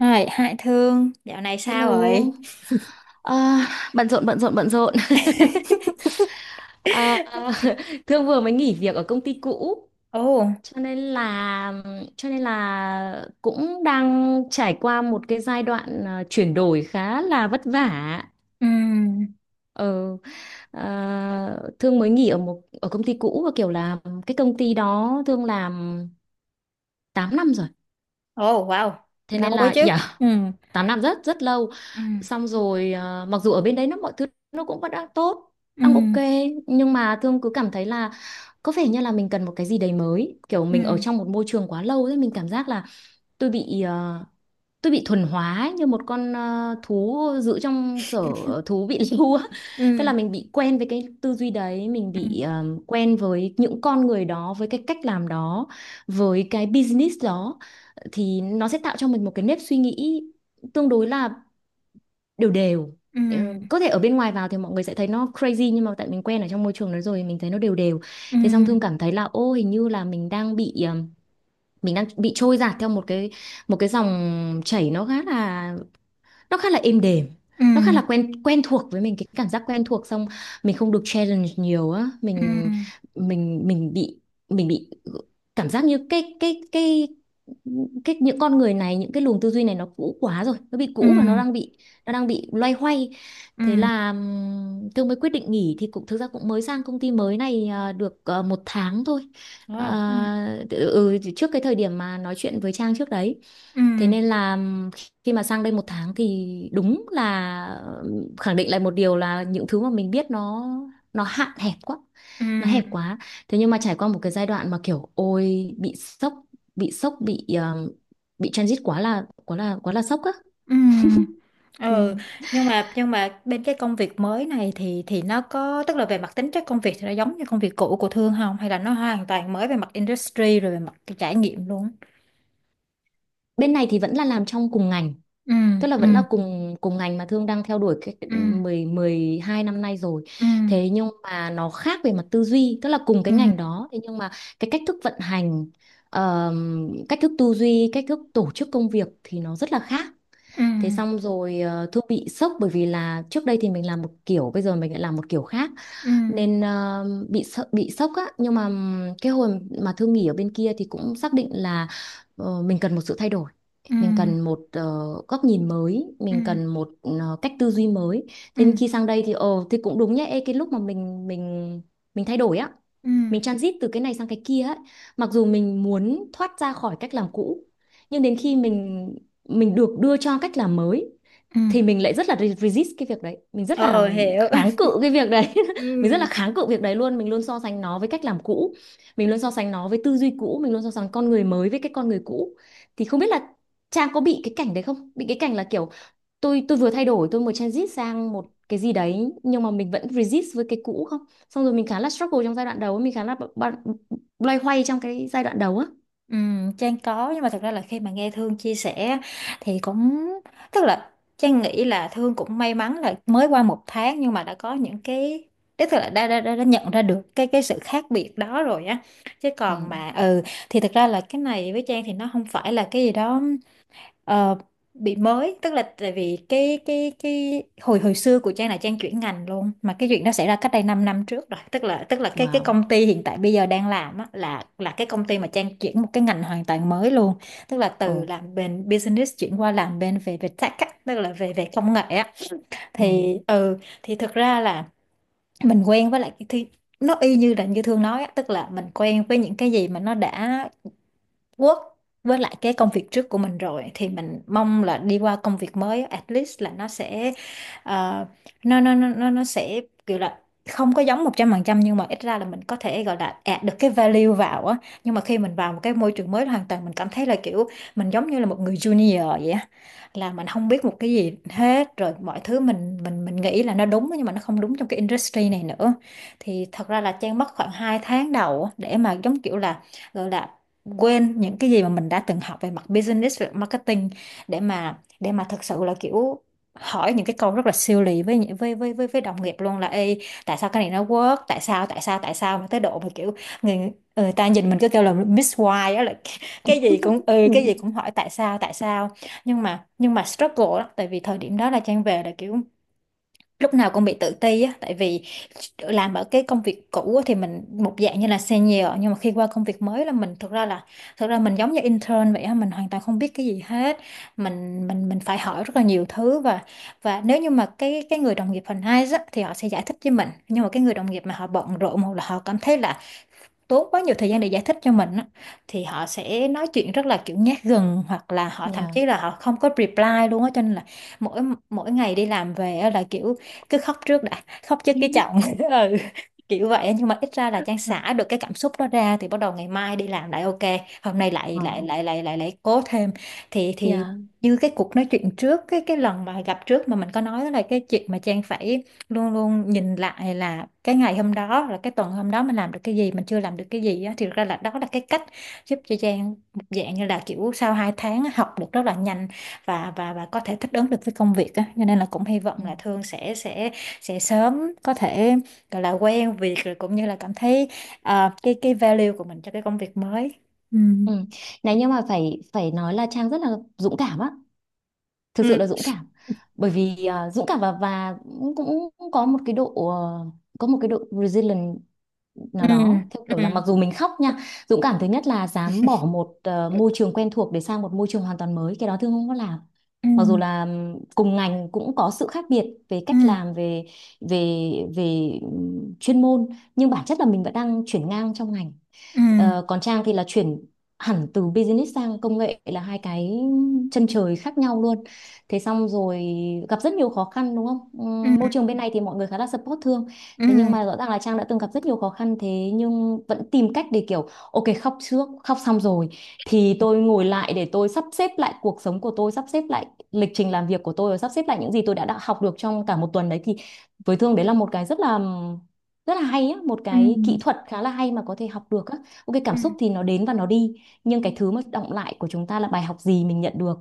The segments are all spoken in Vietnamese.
Hai Thương, dạo này sao rồi? Hello. à, Bận rộn bận rộn bận rộn. à, Thương vừa mới nghỉ việc ở công ty cũ, Ồ. cho nên là cho nên là cũng đang trải qua một cái giai đoạn chuyển đổi khá là vất vả. Ừm. Ờ, Thương mới nghỉ ở một ở công ty cũ và kiểu là cái công ty đó Thương làm 8 năm rồi. Ồ, wow, Thế lâu nên quá là chứ. yeah, Ừm. 8 năm rất rất lâu, Ừm. xong rồi à, mặc dù ở bên đấy nó mọi thứ nó cũng vẫn đang tốt, đang ok, Ừm. nhưng mà Thương cứ cảm thấy là có vẻ như là mình cần một cái gì đấy mới, kiểu mình ở trong một môi trường quá lâu ấy, mình cảm giác là tôi bị tôi bị thuần hóa ấy, như một con thú giữ trong sở thú bị lưu á, tức Ừm. là mình bị quen với cái tư duy đấy, mình Ừm. bị quen với những con người đó, với cái cách làm đó, với cái business đó, thì nó sẽ tạo cho mình một cái nếp suy nghĩ tương đối là đều đều. Ờ, có thể ở bên ngoài vào thì mọi người sẽ thấy nó crazy, nhưng mà tại mình quen ở trong môi trường đó rồi mình thấy nó đều đều, thế xong Ừm. Thương Ừm. cảm thấy là ô hình như là mình đang bị mình đang bị trôi dạt theo một cái dòng chảy nó khá là, nó khá là êm đềm, nó khá Ừm. là quen quen thuộc với mình, cái cảm giác quen thuộc, xong mình không được challenge nhiều á, Ừm. Ừm. mình mình bị mình bị cảm giác như cái những con người này, những cái luồng tư duy này nó cũ quá rồi, nó bị cũ và nó Ừm. đang bị nó đang bị loay hoay. Thế Ừm. là Thương mới quyết định nghỉ, thì cũng thực ra cũng mới sang công ty mới này được một tháng thôi. Wow. Ừm. Trước cái thời điểm mà nói chuyện với Trang trước đấy, thế Ừm. nên là khi mà sang đây một tháng thì đúng là ừ, khẳng định lại một điều là những thứ mà mình biết nó hạn hẹp quá, nó hẹp Ừm. quá. Thế nhưng mà trải qua một cái giai đoạn mà kiểu ôi bị sốc, bị sốc bị ờ, bị transit quá là quá là quá là sốc á. Ừ. Ừ, Ừ. nhưng mà bên cái công việc mới này thì nó có, tức là về mặt tính chất công việc thì nó giống như công việc cũ của Thương không, hay là nó hoàn toàn mới về mặt industry rồi về mặt cái trải nghiệm luôn? Bên này thì vẫn là làm trong cùng ngành, Ừ. tức là Ừ. vẫn là cùng cùng ngành mà Thương đang theo đuổi cái Ừ. 10 12 năm nay rồi. Ừ. Thế nhưng mà nó khác về mặt tư duy, tức là cùng Ừ. cái ngành đó, thế nhưng mà cái cách thức vận hành, cách thức tư duy, cách thức tổ chức công việc thì nó rất là khác. Ừ. Thế xong rồi Thư bị sốc bởi vì là trước đây thì mình làm một kiểu, bây giờ mình lại làm một kiểu khác, Ừ. nên bị sợ, bị sốc á, nhưng mà cái hồi mà Thư nghỉ ở bên kia thì cũng xác định là ờ, mình cần một sự thay đổi, Ừ. mình cần một góc nhìn mới, Ừ. mình cần một cách tư duy mới. Ừ. Thế nên Ừ. khi sang đây thì ờ thì cũng đúng nhá. Ê, cái lúc mà mình thay đổi á, Ừ. mình transit từ cái này sang cái kia ấy, mặc dù mình muốn thoát ra khỏi cách làm cũ, nhưng đến khi mình được đưa cho cách làm mới Ừ. thì mình lại rất là resist cái việc đấy, mình rất là Ờ, hiểu. kháng cự cái việc đấy Ừ. mình rất là kháng cự việc đấy luôn, mình luôn so sánh nó với cách làm cũ, mình luôn so sánh nó với tư duy cũ, mình luôn so sánh con người mới với cái con người cũ, thì không biết là Trang có bị cái cảnh đấy không, bị cái cảnh là kiểu tôi vừa thay đổi, tôi vừa transit sang một cái gì đấy nhưng mà mình vẫn resist với cái cũ không, xong rồi mình khá là struggle trong giai đoạn đầu, mình khá là loay hoay trong cái giai đoạn đầu á. Ừ, Trang có, nhưng mà thật ra là khi mà nghe Thương chia sẻ á, thì cũng tức là Trang nghĩ là Thương cũng may mắn là mới qua 1 tháng nhưng mà đã có những cái, tức là đã nhận ra được cái sự khác biệt đó rồi á, chứ Ừ. còn mà ừ, thì thật ra là cái này với Trang thì nó không phải là cái gì đó ờ, bị mới. Tức là tại vì cái hồi hồi xưa của Trang là Trang chuyển ngành luôn, mà cái chuyện đó xảy ra cách đây 5 năm trước rồi. Tức là cái Wow. công ty hiện tại bây giờ đang làm á, là cái công ty mà Trang chuyển một cái ngành hoàn toàn mới luôn, tức là từ Ồ. làm bên business chuyển qua làm bên về về tech á, tức là về về công nghệ á. Ừ. Thì ừ, thì thực ra là mình quen với lại cái thi, nó y như là như Thương nói á, tức là mình quen với những cái gì mà nó đã work với lại cái công việc trước của mình rồi, thì mình mong là đi qua công việc mới á, at least là nó sẽ ờ, nó sẽ kiểu là không có giống 100%, nhưng mà ít ra là mình có thể gọi là add được cái value vào á. Nhưng mà khi mình vào một cái môi trường mới hoàn toàn, mình cảm thấy là kiểu mình giống như là một người junior vậy á, là mình không biết một cái gì hết, rồi mọi thứ mình nghĩ là nó đúng nhưng mà nó không đúng trong cái industry này nữa. Thì thật ra là Trang mất khoảng 2 tháng đầu á, để mà giống kiểu là gọi là quên những cái gì mà mình đã từng học về mặt business, về marketing, để mà thực sự là kiểu hỏi những cái câu rất là siêu lì với với đồng nghiệp luôn là Ê, tại sao cái này nó work, tại sao mà tới độ mà kiểu người người ta nhìn mình cứ kêu là Miss Why á, là cái gì cũng ừ, Ừ. cái gì cũng hỏi tại sao, tại sao. Nhưng mà struggle đó, tại vì thời điểm đó là Trang về là kiểu lúc nào cũng bị tự ti á, tại vì làm ở cái công việc cũ á thì mình một dạng như là senior, nhưng mà khi qua công việc mới là mình thực ra là thực ra mình giống như intern vậy á, mình hoàn toàn không biết cái gì hết. Mình phải hỏi rất là nhiều thứ, và nếu như mà cái người đồng nghiệp phần hai á, thì họ sẽ giải thích với mình, nhưng mà cái người đồng nghiệp mà họ bận rộn, hoặc là họ cảm thấy là tốn quá nhiều thời gian để giải thích cho mình á, thì họ sẽ nói chuyện rất là kiểu nhát gừng, hoặc là họ thậm Yeah. chí là họ không có reply luôn á, cho nên là mỗi mỗi ngày đi làm về á là kiểu cứ khóc trước, đã khóc trước Ừ. cái chồng ừ, kiểu vậy á. Nhưng mà ít ra là Trang xả được cái cảm xúc đó ra, thì bắt đầu ngày mai đi làm lại ok, hôm nay lại lại Ờ, lại lại lại lại cố thêm. Thì yeah. như cái cuộc nói chuyện trước, cái lần mà gặp trước mà mình có nói là cái chuyện mà Trang phải luôn luôn nhìn lại là cái ngày hôm đó, là cái tuần hôm đó mình làm được cái gì, mình chưa làm được cái gì á, thì thực ra là đó là cái cách giúp cho Trang một dạng như là kiểu sau 2 tháng á, học được rất là nhanh, và có thể thích ứng được với công việc á, cho nên là cũng hy Ừ. vọng là Thương sẽ sớm có thể gọi là quen việc, rồi cũng như là cảm thấy ờ, cái value của mình cho cái công việc mới. Ừ. Ừ. Này nhưng mà phải phải nói là Trang rất là dũng cảm á, thực sự Ừ. là dũng cảm. Bởi vì à, dũng cảm và cũng cũng có một cái độ có một cái độ resilient Ừ. nào đó, theo Ừ. kiểu là mặc dù mình khóc nha, dũng cảm thứ nhất là dám bỏ một môi trường quen thuộc để sang một môi trường hoàn toàn mới, cái đó Thương không có làm. Ừ. Mặc dù là cùng ngành cũng có sự khác biệt về Ừ. cách làm, về về về chuyên môn, nhưng bản chất là mình vẫn đang chuyển ngang trong ngành. Ừ. Ờ, còn Trang thì là chuyển hẳn từ business sang công nghệ, là hai cái chân trời khác nhau luôn. Thế xong rồi gặp rất nhiều khó khăn đúng không? Ừ. Môi trường bên này thì mọi người khá là support Thương. Ừ. Thế nhưng mà rõ ràng là Trang đã từng gặp rất nhiều khó khăn, thế nhưng vẫn tìm cách để kiểu ok khóc trước, khóc xong rồi thì tôi ngồi lại để tôi sắp xếp lại cuộc sống của tôi, sắp xếp lại lịch trình làm việc của tôi và sắp xếp lại những gì tôi đã học được trong cả một tuần đấy, thì với Thương đấy là một cái rất là, rất là hay á, một Ừ. cái kỹ Ừ. thuật khá là hay mà có thể học được á. Ok, cảm Ừ. xúc thì nó đến và nó đi, nhưng cái thứ mà đọng lại của chúng ta là bài học gì mình nhận được,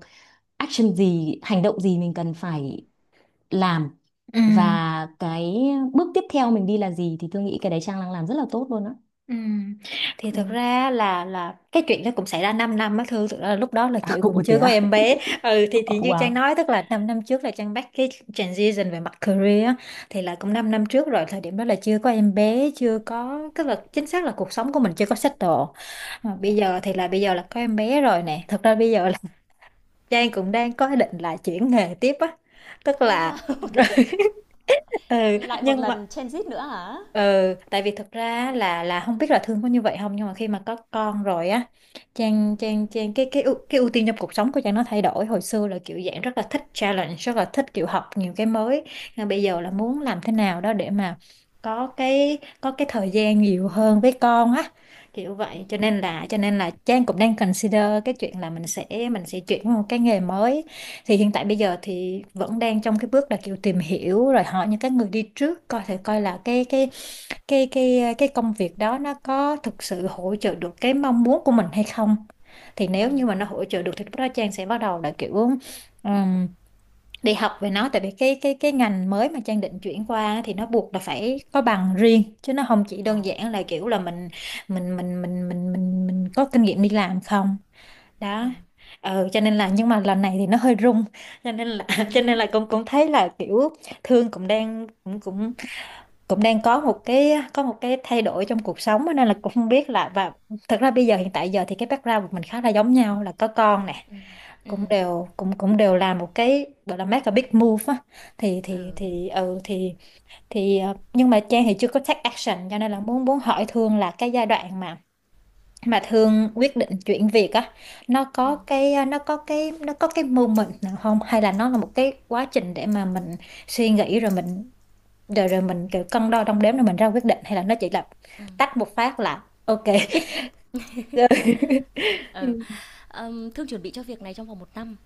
action gì, hành động gì mình cần phải làm, Ừ. và cái bước tiếp theo mình đi là gì, thì tôi nghĩ cái đấy Trang đang làm rất là tốt luôn á. Ừ. Thì Ừ. thực ra là cái chuyện đó cũng xảy ra 5 năm á, Thư thực ra là lúc đó là chị À, cũng ủa thế chưa có á? em bé. Ừ, thì như Trang Wow. nói tức là 5 năm trước là Trang bắt cái transition về mặt career á, thì là cũng 5 năm trước rồi. Thời điểm đó là chưa có em bé, chưa có, tức là chính xác là cuộc sống của mình chưa có settle. Mà bây giờ thì là bây giờ là có em bé rồi nè, thực ra bây giờ là Trang cũng đang có ý định là chuyển nghề tiếp á, tức Ô quá. là ừ, nhưng mà ừ, tại vì thực ra á, là không biết là thương có như vậy không, nhưng mà khi mà có con rồi á, Trang Trang Trang cái cái ưu tiên trong cuộc sống của Trang nó thay đổi. Hồi xưa là kiểu dạng rất là thích challenge, rất là thích kiểu học nhiều cái mới, nhưng bây giờ là muốn làm thế nào đó để mà có cái thời gian nhiều hơn với con á, kiểu vậy. Cho nên là Trang cũng đang consider cái chuyện là mình sẽ chuyển qua một cái nghề mới. Thì hiện tại bây giờ thì vẫn đang trong cái bước là kiểu tìm hiểu, rồi hỏi những cái người đi trước coi thể coi là cái cái công việc đó nó có thực sự hỗ trợ được cái mong muốn của mình hay không. Thì Ừ. nếu như mà nó hỗ trợ được thì lúc đó Trang sẽ bắt đầu là kiểu ừm, đi học về nó, tại vì cái cái ngành mới mà Trang định chuyển qua thì nó buộc là phải có bằng riêng, chứ nó không chỉ Ồ. đơn giản là kiểu là mình mình có kinh nghiệm đi làm không. Đó. Ừ. Ừ, cho nên là nhưng mà lần này thì nó hơi rung, cho nên là cho nên là cũng cũng thấy là kiểu Thương cũng đang cũng cũng cũng đang có một cái, có một cái thay đổi trong cuộc sống á, nên là cũng không biết là, và thật ra bây giờ hiện tại giờ thì cái background của mình khá là giống nhau, là có con nè, Ừ. Ừ. Ừ. cũng đều làm một cái gọi là make a big move á. thì thì Ừ. thì ừ, thì ờ, nhưng mà Trang thì chưa có take action, cho nên là muốn, muốn hỏi Thương là cái giai đoạn mà thường quyết định chuyển việc á, nó có cái à, nó có cái moment nào không, hay là nó là một cái quá trình để mà mình suy nghĩ, rồi mình rồi rồi mình kiểu cân đo đong đếm, rồi mình ra quyết định, hay là nó chỉ là tách một phát là ok rồi? Ừ. Ờ, Thương chuẩn bị cho việc này trong vòng một năm,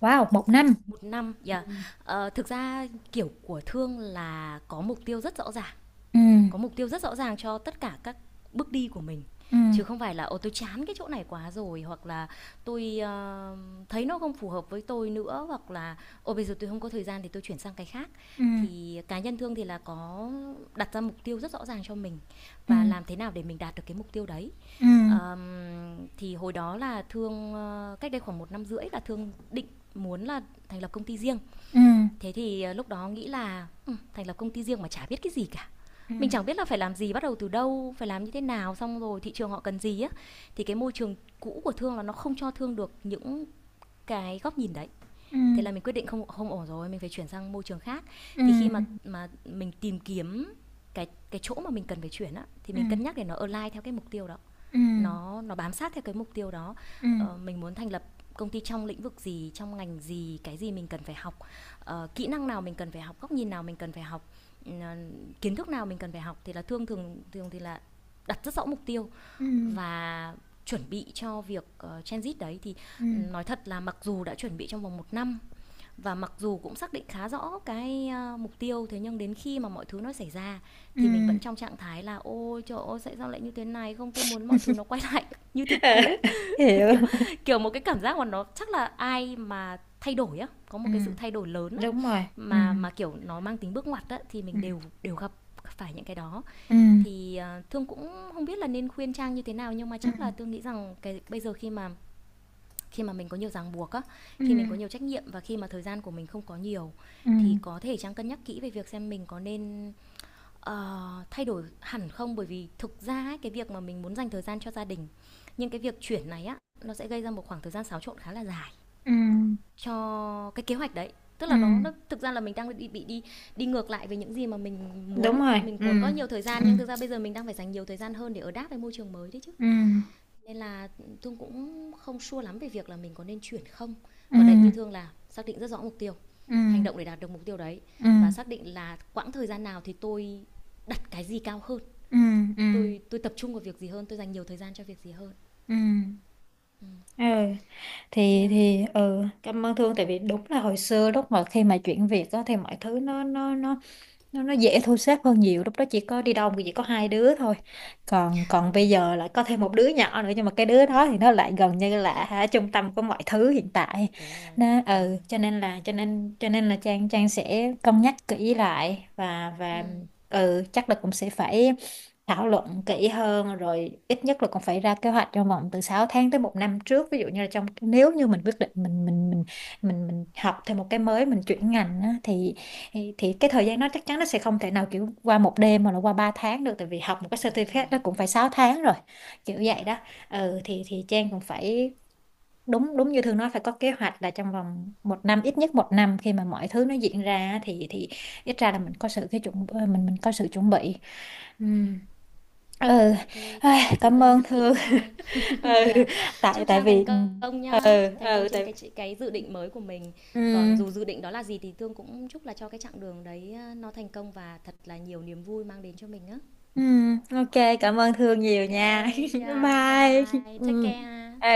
Wow, một năm. một năm yeah. Ừ. Ờ, thực ra kiểu của Thương là có mục tiêu rất rõ ràng, Ừ. có mục tiêu rất rõ ràng cho tất cả các bước đi của mình, Ừ. chứ không phải là ô tôi chán cái chỗ này quá rồi, hoặc là tôi ờ, thấy nó không phù hợp với tôi nữa, hoặc là ô bây giờ tôi không có thời gian thì tôi chuyển sang cái khác. Ừ. Thì cá nhân Thương thì là có đặt ra mục tiêu rất rõ ràng cho mình, Ừ. và làm thế nào để mình đạt được cái mục tiêu đấy. Ừ. Thì hồi đó là Thương ờ, cách đây khoảng một năm rưỡi là Thương định muốn là thành lập công ty riêng. Ừ. Thế thì ờ, lúc đó nghĩ là ừ, thành lập công ty riêng mà chả biết cái gì cả, Ừ. mình chẳng biết là phải làm gì, bắt đầu từ đâu, phải làm như thế nào, xong rồi thị trường họ cần gì á, thì cái môi trường cũ của Thương là nó không cho Thương được những cái góc nhìn đấy, thế là mình quyết định không, không ổn rồi, mình phải chuyển sang môi trường khác. Ừ. Thì khi mà Ừ. Mình tìm kiếm cái chỗ mà mình cần phải chuyển á, thì Ừ. mình cân nhắc để nó align theo cái mục tiêu đó, Ừ. nó bám sát theo cái mục tiêu đó. Ừ. Ờ, mình muốn thành lập công ty trong lĩnh vực gì, trong ngành gì, cái gì mình cần phải học, ờ, kỹ năng nào mình cần phải học, góc nhìn nào mình cần phải học, ừ, ờ, kiến thức nào mình cần phải học, thì là thường thường thường thì là đặt rất rõ mục tiêu Ừ. và chuẩn bị cho việc transit đấy. Thì ừ, Ừ. nói thật là mặc dù đã chuẩn bị trong vòng một năm và mặc dù cũng xác định khá rõ cái mục tiêu, thế nhưng đến khi mà mọi thứ nó xảy ra thì mình Ừ. vẫn trong trạng thái là ôi trời ơi tại sao lại như thế này, không tôi muốn mọi thứ nó quay lại như thực Ờ, cũ. hiểu. Kiểu, kiểu một cái cảm giác mà nó chắc là ai mà thay đổi á, có một Ừ, cái sự thay đổi lớn á, đúng rồi. Ừ. Mà kiểu nó mang tính bước ngoặt á, thì Ừ. mình đều đều gặp phải những cái đó. Ừ. Thì à, Thương cũng không biết là nên khuyên Trang như thế nào, nhưng mà Ừ. chắc là tôi nghĩ rằng cái bây giờ khi mà mình có nhiều ràng buộc á, Ừ. khi mình có nhiều trách nhiệm và khi mà thời gian của mình không có nhiều, Ừ. thì có thể Trang cân nhắc kỹ về việc xem mình có nên ờ, thay đổi hẳn không. Bởi vì thực ra ấy, cái việc mà mình muốn dành thời gian cho gia đình, nhưng cái việc chuyển này á, nó sẽ gây ra một khoảng thời gian xáo trộn khá là dài Ừ. cho cái kế hoạch đấy. Tức Ừ, là nó thực ra là mình đang bị đi, đi ngược lại với những gì mà mình muốn, đúng rồi. mình Ừ. muốn có nhiều thời gian Ừ. nhưng thực ra bây giờ mình đang phải dành nhiều thời gian hơn để ở đáp với môi trường mới đấy chứ, Ừ. nên là Thương cũng không sure lắm về việc là mình có nên chuyển không. Ừ. Còn đấy, như Thương là xác định rất rõ mục tiêu, Ừ. hành động để đạt được mục tiêu đấy, Ừ. và xác định là quãng thời gian nào thì tôi đặt cái gì cao hơn, Ừ. Ừ. tôi tập trung vào việc gì hơn, tôi dành nhiều thời gian cho việc gì hơn. Ừ. Ừ, Yeah. thì ừ, cảm ơn Thương, tại vì đúng là hồi xưa lúc mà khi mà chuyển việc á, thì mọi thứ nó dễ thu xếp hơn nhiều. Lúc đó chỉ có đi đâu thì chỉ có hai đứa thôi, còn còn bây giờ lại có thêm một đứa nhỏ nữa, nhưng mà cái đứa đó thì nó lại gần như là hả, trung tâm của mọi thứ hiện tại Đúng rồi, nó. đúng Ừ, rồi. cho nên là Trang Trang sẽ cân nhắc kỹ lại, và ừ chắc là cũng sẽ phải thảo luận kỹ hơn, rồi ít nhất là cũng phải ra kế hoạch trong vòng từ 6 tháng tới một năm trước. Ví dụ như là trong nếu như mình quyết định mình học thêm một cái mới, mình chuyển ngành á, thì thì cái thời gian nó chắc chắn nó sẽ không thể nào kiểu qua một đêm mà là qua 3 tháng được, tại vì học một cái Đúng certificate rồi. nó cũng phải 6 tháng rồi, kiểu Dạ. vậy Yeah. đó. Ừ, thì Trang cũng phải, đúng đúng như Thương nói, phải có kế hoạch là trong vòng 1 năm, ít nhất 1 năm, khi mà mọi thứ nó diễn ra á, thì ít ra là mình có sự cái chuẩn ờ, mình có sự chuẩn bị. Ừ. Ừ. Ok, thế Ai, Trang cứ cảm cân ơn nhắc Thương. kỹ coi. Ừ. Dạ, tại chúc tại Trang thành vì công nhá, ừ, thành công ừ, trên tại, cái dự định mới của mình. Còn dù ừ. dự định đó là gì thì Thương cũng chúc là cho cái chặng đường đấy, ờ, nó thành công và thật là nhiều niềm vui mang đến cho mình á. Ừ, ok, cảm ơn Thương nhiều nha. Bye. Ừ. Ừ.